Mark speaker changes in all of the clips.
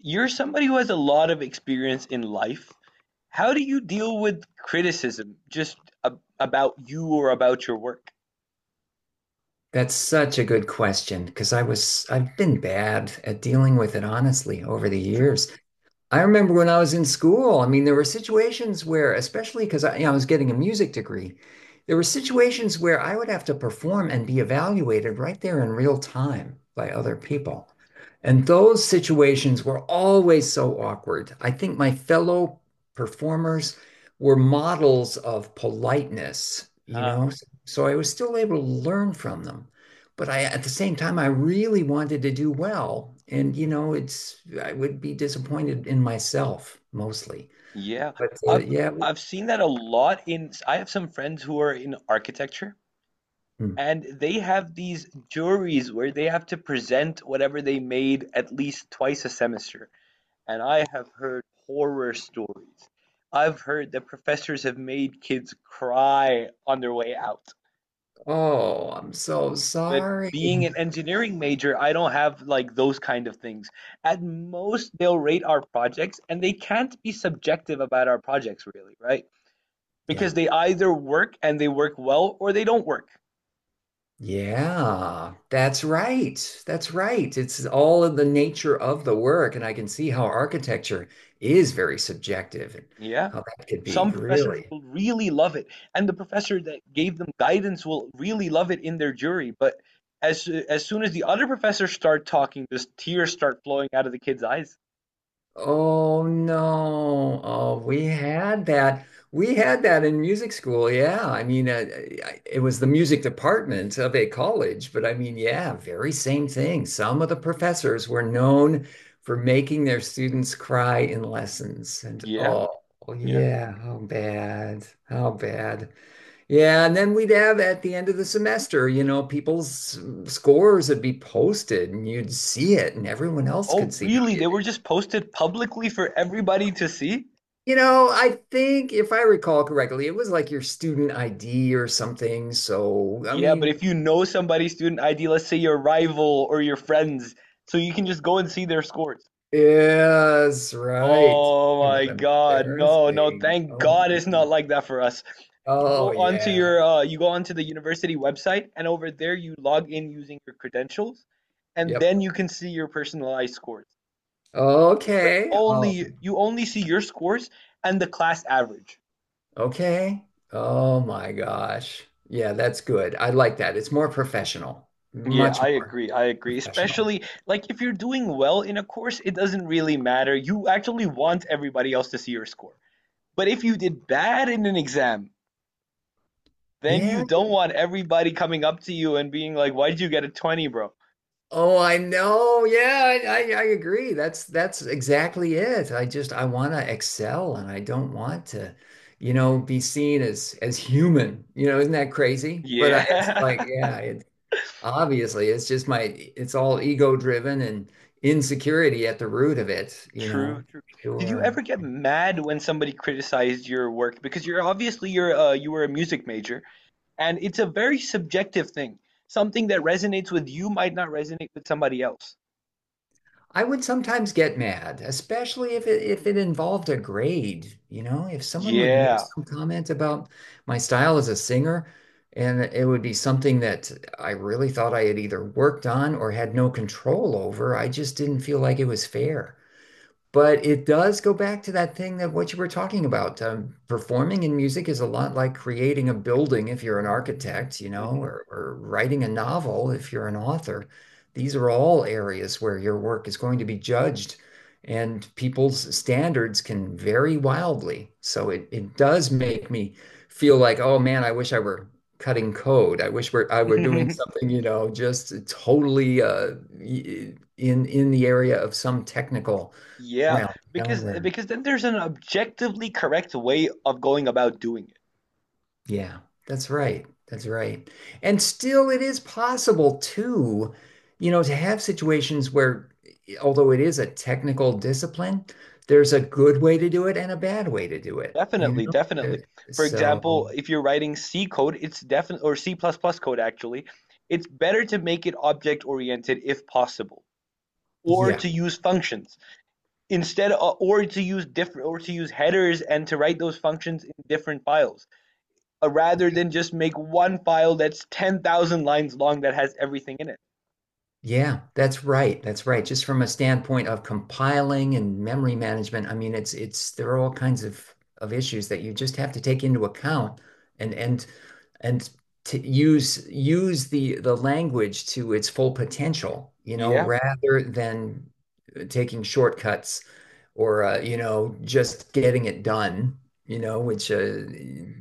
Speaker 1: You're somebody who has a lot of experience in life. How do you deal with criticism just a about you or about your work?
Speaker 2: That's such a good question because I've been bad at dealing with it honestly over the years. I remember when I was in school. I mean, there were situations where, especially because I, you know, I was getting a music degree, there were situations where I would have to perform and be evaluated right there in real time by other people. And those situations were always so awkward. I think my fellow performers were models of politeness, you
Speaker 1: Huh.
Speaker 2: know, so I was still able to learn from them. But I at the same time I really wanted to do well, and you know it's I would be disappointed in myself mostly.
Speaker 1: Yeah.
Speaker 2: But
Speaker 1: I've
Speaker 2: yeah,
Speaker 1: I've seen that a lot in I have some friends who are in architecture,
Speaker 2: mm.
Speaker 1: and they have these juries where they have to present whatever they made at least twice a semester, and I have heard horror stories. I've heard that professors have made kids cry on their way out.
Speaker 2: Oh, I'm so
Speaker 1: But
Speaker 2: sorry.
Speaker 1: being an engineering major, I don't have like those kind of things. At most, they'll rate our projects, and they can't be subjective about our projects, really, right?
Speaker 2: Yeah.
Speaker 1: Because they either work and they work well, or they don't work.
Speaker 2: Yeah, that's right. That's right. It's all of the nature of the work, and I can see how architecture is very subjective, and
Speaker 1: Yeah.
Speaker 2: how that could be
Speaker 1: Some professors
Speaker 2: really.
Speaker 1: will really love it, and the professor that gave them guidance will really love it in their jury. But as soon as the other professors start talking, just tears start flowing out of the kids' eyes.
Speaker 2: Oh no. Oh, we had that. We had that in music school. Yeah. I- it was the music department of a college, but I mean, yeah, very same thing. Some of the professors were known for making their students cry in lessons. And
Speaker 1: Yeah.
Speaker 2: oh,
Speaker 1: Yeah.
Speaker 2: yeah, how bad. How bad. Yeah. And then we'd have, at the end of the semester, you know, people's scores would be posted and you'd see it and everyone else could
Speaker 1: Oh,
Speaker 2: see how
Speaker 1: really?
Speaker 2: you—
Speaker 1: They were just posted publicly for everybody to see?
Speaker 2: you know, I think if I recall correctly, it was like your student ID or something. So, I
Speaker 1: Yeah, but
Speaker 2: mean,
Speaker 1: if you know somebody's student ID, let's say your rival or your friends, so you can just go and see their scores.
Speaker 2: yes, right.
Speaker 1: Oh
Speaker 2: Talking
Speaker 1: my
Speaker 2: about
Speaker 1: God, no, no,
Speaker 2: embarrassing.
Speaker 1: thank
Speaker 2: Oh,
Speaker 1: God it's not like that for us. You go
Speaker 2: oh
Speaker 1: onto
Speaker 2: yeah.
Speaker 1: your you go onto the university website, and over there you log in using your credentials, and
Speaker 2: Yep.
Speaker 1: then you can see your personalized scores. But
Speaker 2: Okay.
Speaker 1: only you only see your scores and the class average.
Speaker 2: Okay. Oh my gosh. Yeah, that's good. I like that. It's more professional,
Speaker 1: Yeah,
Speaker 2: much
Speaker 1: I
Speaker 2: more
Speaker 1: agree. I agree.
Speaker 2: professional.
Speaker 1: Especially like if you're doing well in a course, it doesn't really matter. You actually want everybody else to see your score. But if you did bad in an exam, then you
Speaker 2: Yeah.
Speaker 1: don't want everybody coming up to you and being like, "Why did you get a 20, bro?"
Speaker 2: Oh, I know. Yeah, I agree. That's exactly it. I want to excel and I don't want to, you know, be seen as human. You know, isn't that crazy? But I, it's like,
Speaker 1: Yeah.
Speaker 2: yeah, it, obviously it's just my— it's all ego driven and insecurity at the root of it, you
Speaker 1: True,
Speaker 2: know.
Speaker 1: true. Did you
Speaker 2: Sure.
Speaker 1: ever get mad when somebody criticized your work? Because you're obviously you were a music major, and it's a very subjective thing. Something that resonates with you might not resonate with somebody else.
Speaker 2: I would sometimes get mad, especially if it involved a grade, you know, if someone would make
Speaker 1: Yeah.
Speaker 2: some comment about my style as a singer, and it would be something that I really thought I had either worked on or had no control over. I just didn't feel like it was fair. But it does go back to that thing that what you were talking about. Performing in music is a lot like creating a building if you're an architect, you know, or writing a novel if you're an author. These are all areas where your work is going to be judged, and people's standards can vary wildly. So it does make me feel like, oh man, I wish I were cutting code. I were doing something, you know, just totally in the area of some technical
Speaker 1: Yeah,
Speaker 2: realm
Speaker 1: because
Speaker 2: nowhere.
Speaker 1: because then there's an objectively correct way of going about doing it.
Speaker 2: Yeah, that's right. That's right. And still, it is possible too, you know, to have situations where, although it is a technical discipline, there's a good way to do it and a bad way to do it, you
Speaker 1: Definitely,
Speaker 2: know? Uh,
Speaker 1: definitely. For
Speaker 2: So,
Speaker 1: example, if you're writing C code, it's definitely or C++ plus plus code actually, it's better to make it object oriented if possible, or
Speaker 2: yeah.
Speaker 1: to use functions or to use headers and to write those functions in different files, rather than just make one file that's 10,000 lines long that has everything in it.
Speaker 2: Yeah, that's right. That's right. Just from a standpoint of compiling and memory management, I mean, it's there are all kinds of issues that you just have to take into account and and and to use the language to its full potential, you know,
Speaker 1: Yeah.
Speaker 2: rather than taking shortcuts, or you know, just getting it done, you know, which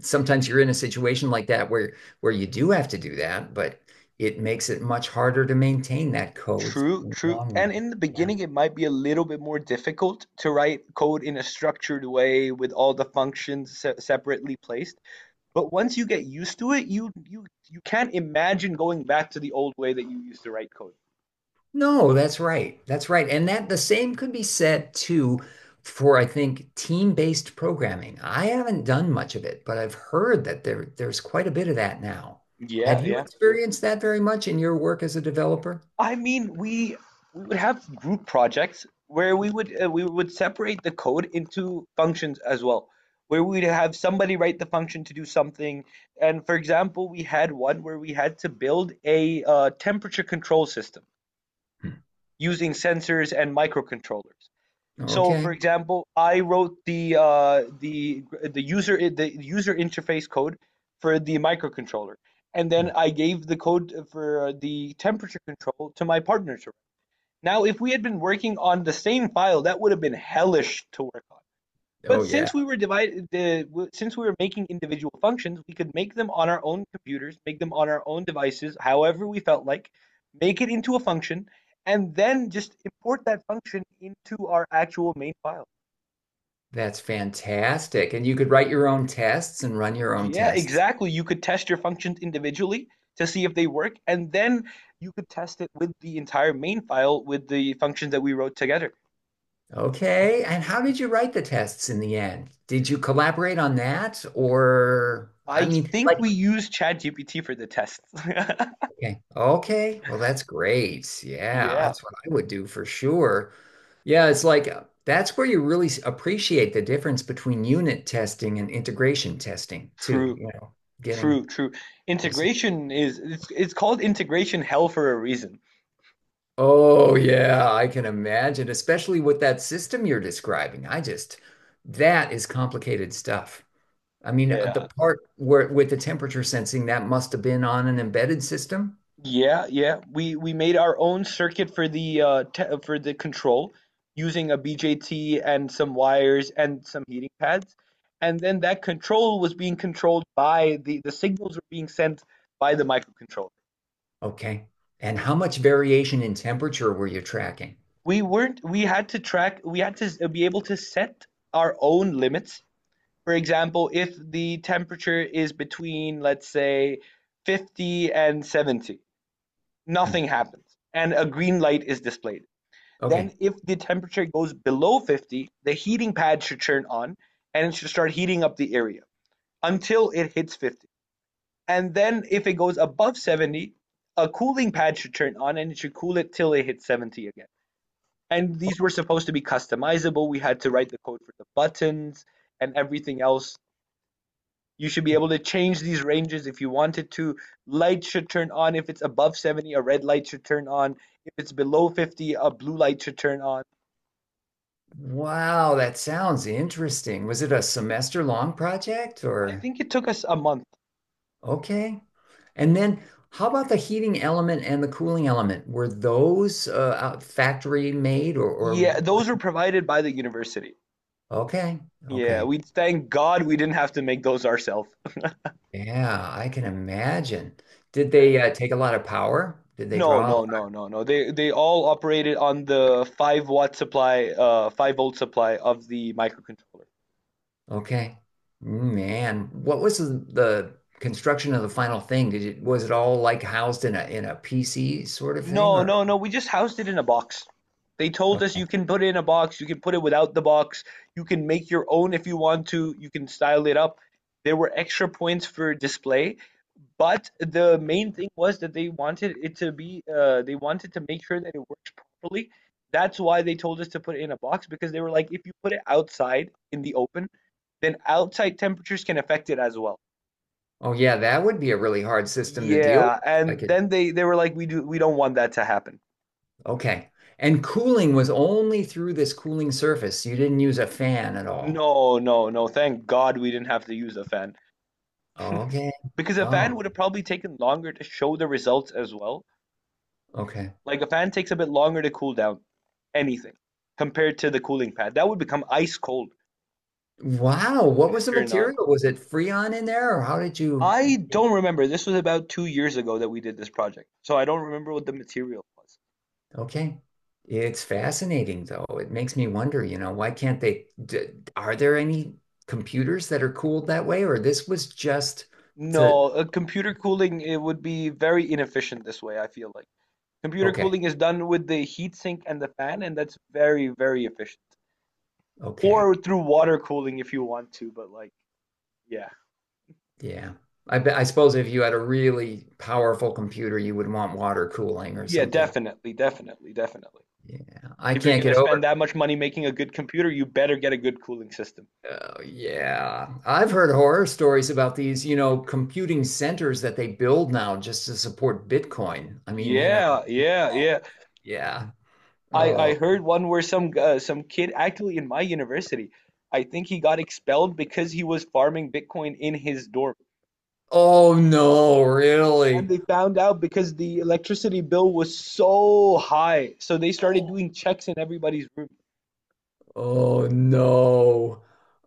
Speaker 2: sometimes you're in a situation like that where you do have to do that, but it makes it much harder to maintain that code
Speaker 1: True,
Speaker 2: in the
Speaker 1: true.
Speaker 2: long run.
Speaker 1: And in the
Speaker 2: Yeah,
Speaker 1: beginning, it might be a little bit more difficult to write code in a structured way with all the functions separately placed. But once you get used to it, you can't imagine going back to the old way that you used to write code.
Speaker 2: no, that's right, that's right. And that the same could be said too for, I think, team-based programming. I haven't done much of it, but I've heard that there's quite a bit of that now. Have
Speaker 1: Yeah,
Speaker 2: you
Speaker 1: yeah.
Speaker 2: experienced that very much in your work as a developer?
Speaker 1: I mean, we would have group projects where we would separate the code into functions as well, where we'd have somebody write the function to do something. And for example, we had one where we had to build a temperature control system
Speaker 2: Hmm.
Speaker 1: using sensors and microcontrollers. So, for
Speaker 2: Okay.
Speaker 1: example, I wrote the the user interface code for the microcontroller, and
Speaker 2: Hmm.
Speaker 1: then I gave the code for the temperature control to my partner. Now, if we had been working on the same file, that would have been hellish to work on.
Speaker 2: Oh
Speaker 1: But
Speaker 2: yeah.
Speaker 1: since we were making individual functions, we could make them on our own computers, make them on our own devices, however we felt like, make it into a function, and then just import that function into our actual main file.
Speaker 2: That's fantastic. And you could write your own tests and run your own
Speaker 1: Yeah,
Speaker 2: tests.
Speaker 1: exactly. You could test your functions individually to see if they work, and then you could test it with the entire main file with the functions that we wrote together.
Speaker 2: Okay. And how did you write the tests in the end? Did you collaborate on that? Or, I
Speaker 1: I
Speaker 2: mean,
Speaker 1: think
Speaker 2: like,
Speaker 1: we used ChatGPT for the test.
Speaker 2: okay. Okay. Well, that's great. Yeah.
Speaker 1: Yeah,
Speaker 2: That's what I would do for sure. Yeah. It's like, that's where you really s- appreciate the difference between unit testing and integration testing, too.
Speaker 1: true,
Speaker 2: You know,
Speaker 1: true,
Speaker 2: getting
Speaker 1: true.
Speaker 2: uh,
Speaker 1: Integration is it's called integration hell for a reason.
Speaker 2: oh yeah, I can imagine, especially with that system you're describing. That is complicated stuff. I mean, the
Speaker 1: Yeah.
Speaker 2: part where with the temperature sensing, that must have been on an embedded system.
Speaker 1: Yeah, yeah. We made our own circuit for the te for the control using a BJT and some wires and some heating pads. And then that control was being controlled by the signals were being sent by the microcontroller.
Speaker 2: Okay. And how much variation in temperature were you tracking?
Speaker 1: We weren't we had to track We had to be able to set our own limits. For example, if the temperature is between, let's say, 50 and 70,
Speaker 2: Hmm.
Speaker 1: nothing happens and a green light is displayed. Then,
Speaker 2: Okay.
Speaker 1: if the temperature goes below 50, the heating pad should turn on and it should start heating up the area until it hits 50. And then, if it goes above 70, a cooling pad should turn on and it should cool it till it hits 70 again. And these were supposed to be customizable. We had to write the code for the buttons and everything else. You should be able to change these ranges if you wanted to. Light should turn on if it's above 70, a red light should turn on. If it's below 50, a blue light should turn on.
Speaker 2: Wow, that sounds interesting. Was it a semester long project
Speaker 1: I
Speaker 2: or?
Speaker 1: think it took us a month.
Speaker 2: Okay. And then how about the heating element and the cooling element? Were those factory made, or
Speaker 1: Yeah, those were provided by the university.
Speaker 2: okay.
Speaker 1: Yeah,
Speaker 2: Okay.
Speaker 1: we thank God we didn't have to make those ourselves.
Speaker 2: Yeah, I can imagine. Did
Speaker 1: Yeah.
Speaker 2: they take a lot of power? Did they
Speaker 1: No,
Speaker 2: draw a
Speaker 1: no,
Speaker 2: lot?
Speaker 1: no, no, no. They all operated on the 5-watt supply, 5-volt supply of the microcontroller.
Speaker 2: Okay. Man, what was the construction of the final thing? Did it was it all like housed in a PC sort of thing
Speaker 1: No,
Speaker 2: or
Speaker 1: no, no. We just housed it in a box. They told us you
Speaker 2: okay.
Speaker 1: can put it in a box, you can put it without the box, you can make your own if you want to, you can style it up. There were extra points for display, but the main thing was that they wanted it to be, they wanted to make sure that it works properly. That's why they told us to put it in a box because they were like, if you put it outside in the open, then outside temperatures can affect it as well.
Speaker 2: Oh yeah, that would be a really hard system to deal
Speaker 1: Yeah,
Speaker 2: with. I
Speaker 1: and
Speaker 2: could
Speaker 1: then they were like, we don't want that to happen.
Speaker 2: okay. And cooling was only through this cooling surface. You didn't use a fan at all.
Speaker 1: No, no, no. Thank God we didn't have to use a fan
Speaker 2: Okay.
Speaker 1: because a fan
Speaker 2: Oh,
Speaker 1: would have probably taken longer to show the results as well.
Speaker 2: okay.
Speaker 1: Like a fan takes a bit longer to cool down anything compared to the cooling pad. That would become ice cold
Speaker 2: Wow, what
Speaker 1: when it
Speaker 2: was the
Speaker 1: turned on.
Speaker 2: material? Was it Freon in there, or how did you?
Speaker 1: I don't remember. This was about 2 years ago that we did this project, so I don't remember what the material was.
Speaker 2: Okay, it's fascinating though. It makes me wonder, you know, why can't they? D— are there any computers that are cooled that way, or this was just to?
Speaker 1: No, computer cooling it would be very inefficient this way, I feel like. Computer
Speaker 2: Okay,
Speaker 1: cooling is done with the heat sink and the fan, and that's very, very efficient.
Speaker 2: okay,
Speaker 1: Or through water cooling if you want to, but like, yeah.
Speaker 2: yeah. I bet. I suppose if you had a really powerful computer, you would want water cooling or
Speaker 1: Yeah,
Speaker 2: something.
Speaker 1: definitely, definitely, definitely.
Speaker 2: Yeah, I
Speaker 1: If you're
Speaker 2: can't
Speaker 1: gonna
Speaker 2: get
Speaker 1: spend
Speaker 2: over.
Speaker 1: that much money making a good computer, you better get a good cooling system.
Speaker 2: Oh, yeah. I've heard horror stories about these, you know, computing centers that they build now just to support Bitcoin. I mean, you know,
Speaker 1: Yeah, yeah, yeah.
Speaker 2: yeah.
Speaker 1: I
Speaker 2: Oh,
Speaker 1: heard one where some kid actually in my university, I think he got expelled because he was farming Bitcoin in his dorm.
Speaker 2: oh no,
Speaker 1: And
Speaker 2: really?
Speaker 1: they found out because the electricity bill was so high, so they started doing checks in everybody's room.
Speaker 2: Oh no.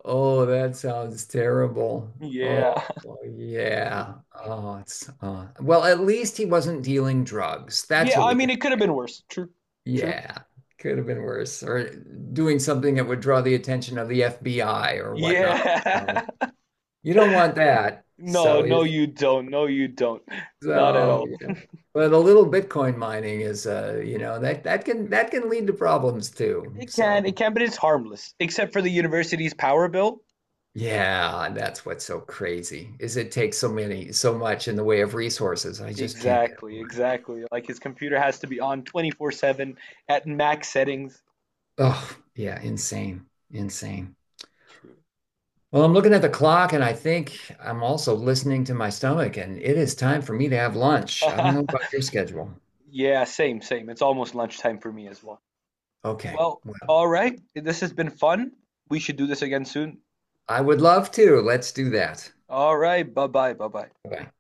Speaker 2: Oh, that sounds terrible.
Speaker 1: Yeah.
Speaker 2: Oh, yeah. Oh, it's well, at least he wasn't dealing drugs. That's
Speaker 1: Yeah,
Speaker 2: what
Speaker 1: I
Speaker 2: we
Speaker 1: mean
Speaker 2: can.
Speaker 1: it could have been worse. True. True.
Speaker 2: Yeah, could have been worse. Or doing something that would draw the attention of the FBI or whatnot. You
Speaker 1: Yeah.
Speaker 2: know, you don't want that.
Speaker 1: No,
Speaker 2: So,
Speaker 1: no,
Speaker 2: yes-
Speaker 1: you don't. No, you don't. Not at
Speaker 2: so
Speaker 1: all.
Speaker 2: yeah. But a little Bitcoin mining is, you know, that can lead to problems too. So,
Speaker 1: It can, but it's harmless, except for the university's power bill.
Speaker 2: yeah, that's what's so crazy is it takes so many so much in the way of resources. I just can't get
Speaker 1: Exactly,
Speaker 2: over it.
Speaker 1: exactly. Like his computer has to be on 24/7 at max settings.
Speaker 2: Oh, yeah, insane, insane.
Speaker 1: True.
Speaker 2: Well, I'm looking at the clock and I think I'm also listening to my stomach, and it is time for me to have lunch. I don't know about your schedule.
Speaker 1: Yeah, same, same. It's almost lunchtime for me as well.
Speaker 2: Okay.
Speaker 1: Well,
Speaker 2: Well,
Speaker 1: all right. This has been fun. We should do this again soon.
Speaker 2: I would love to. Let's do that.
Speaker 1: All right. Bye-bye. Bye-bye.
Speaker 2: Bye.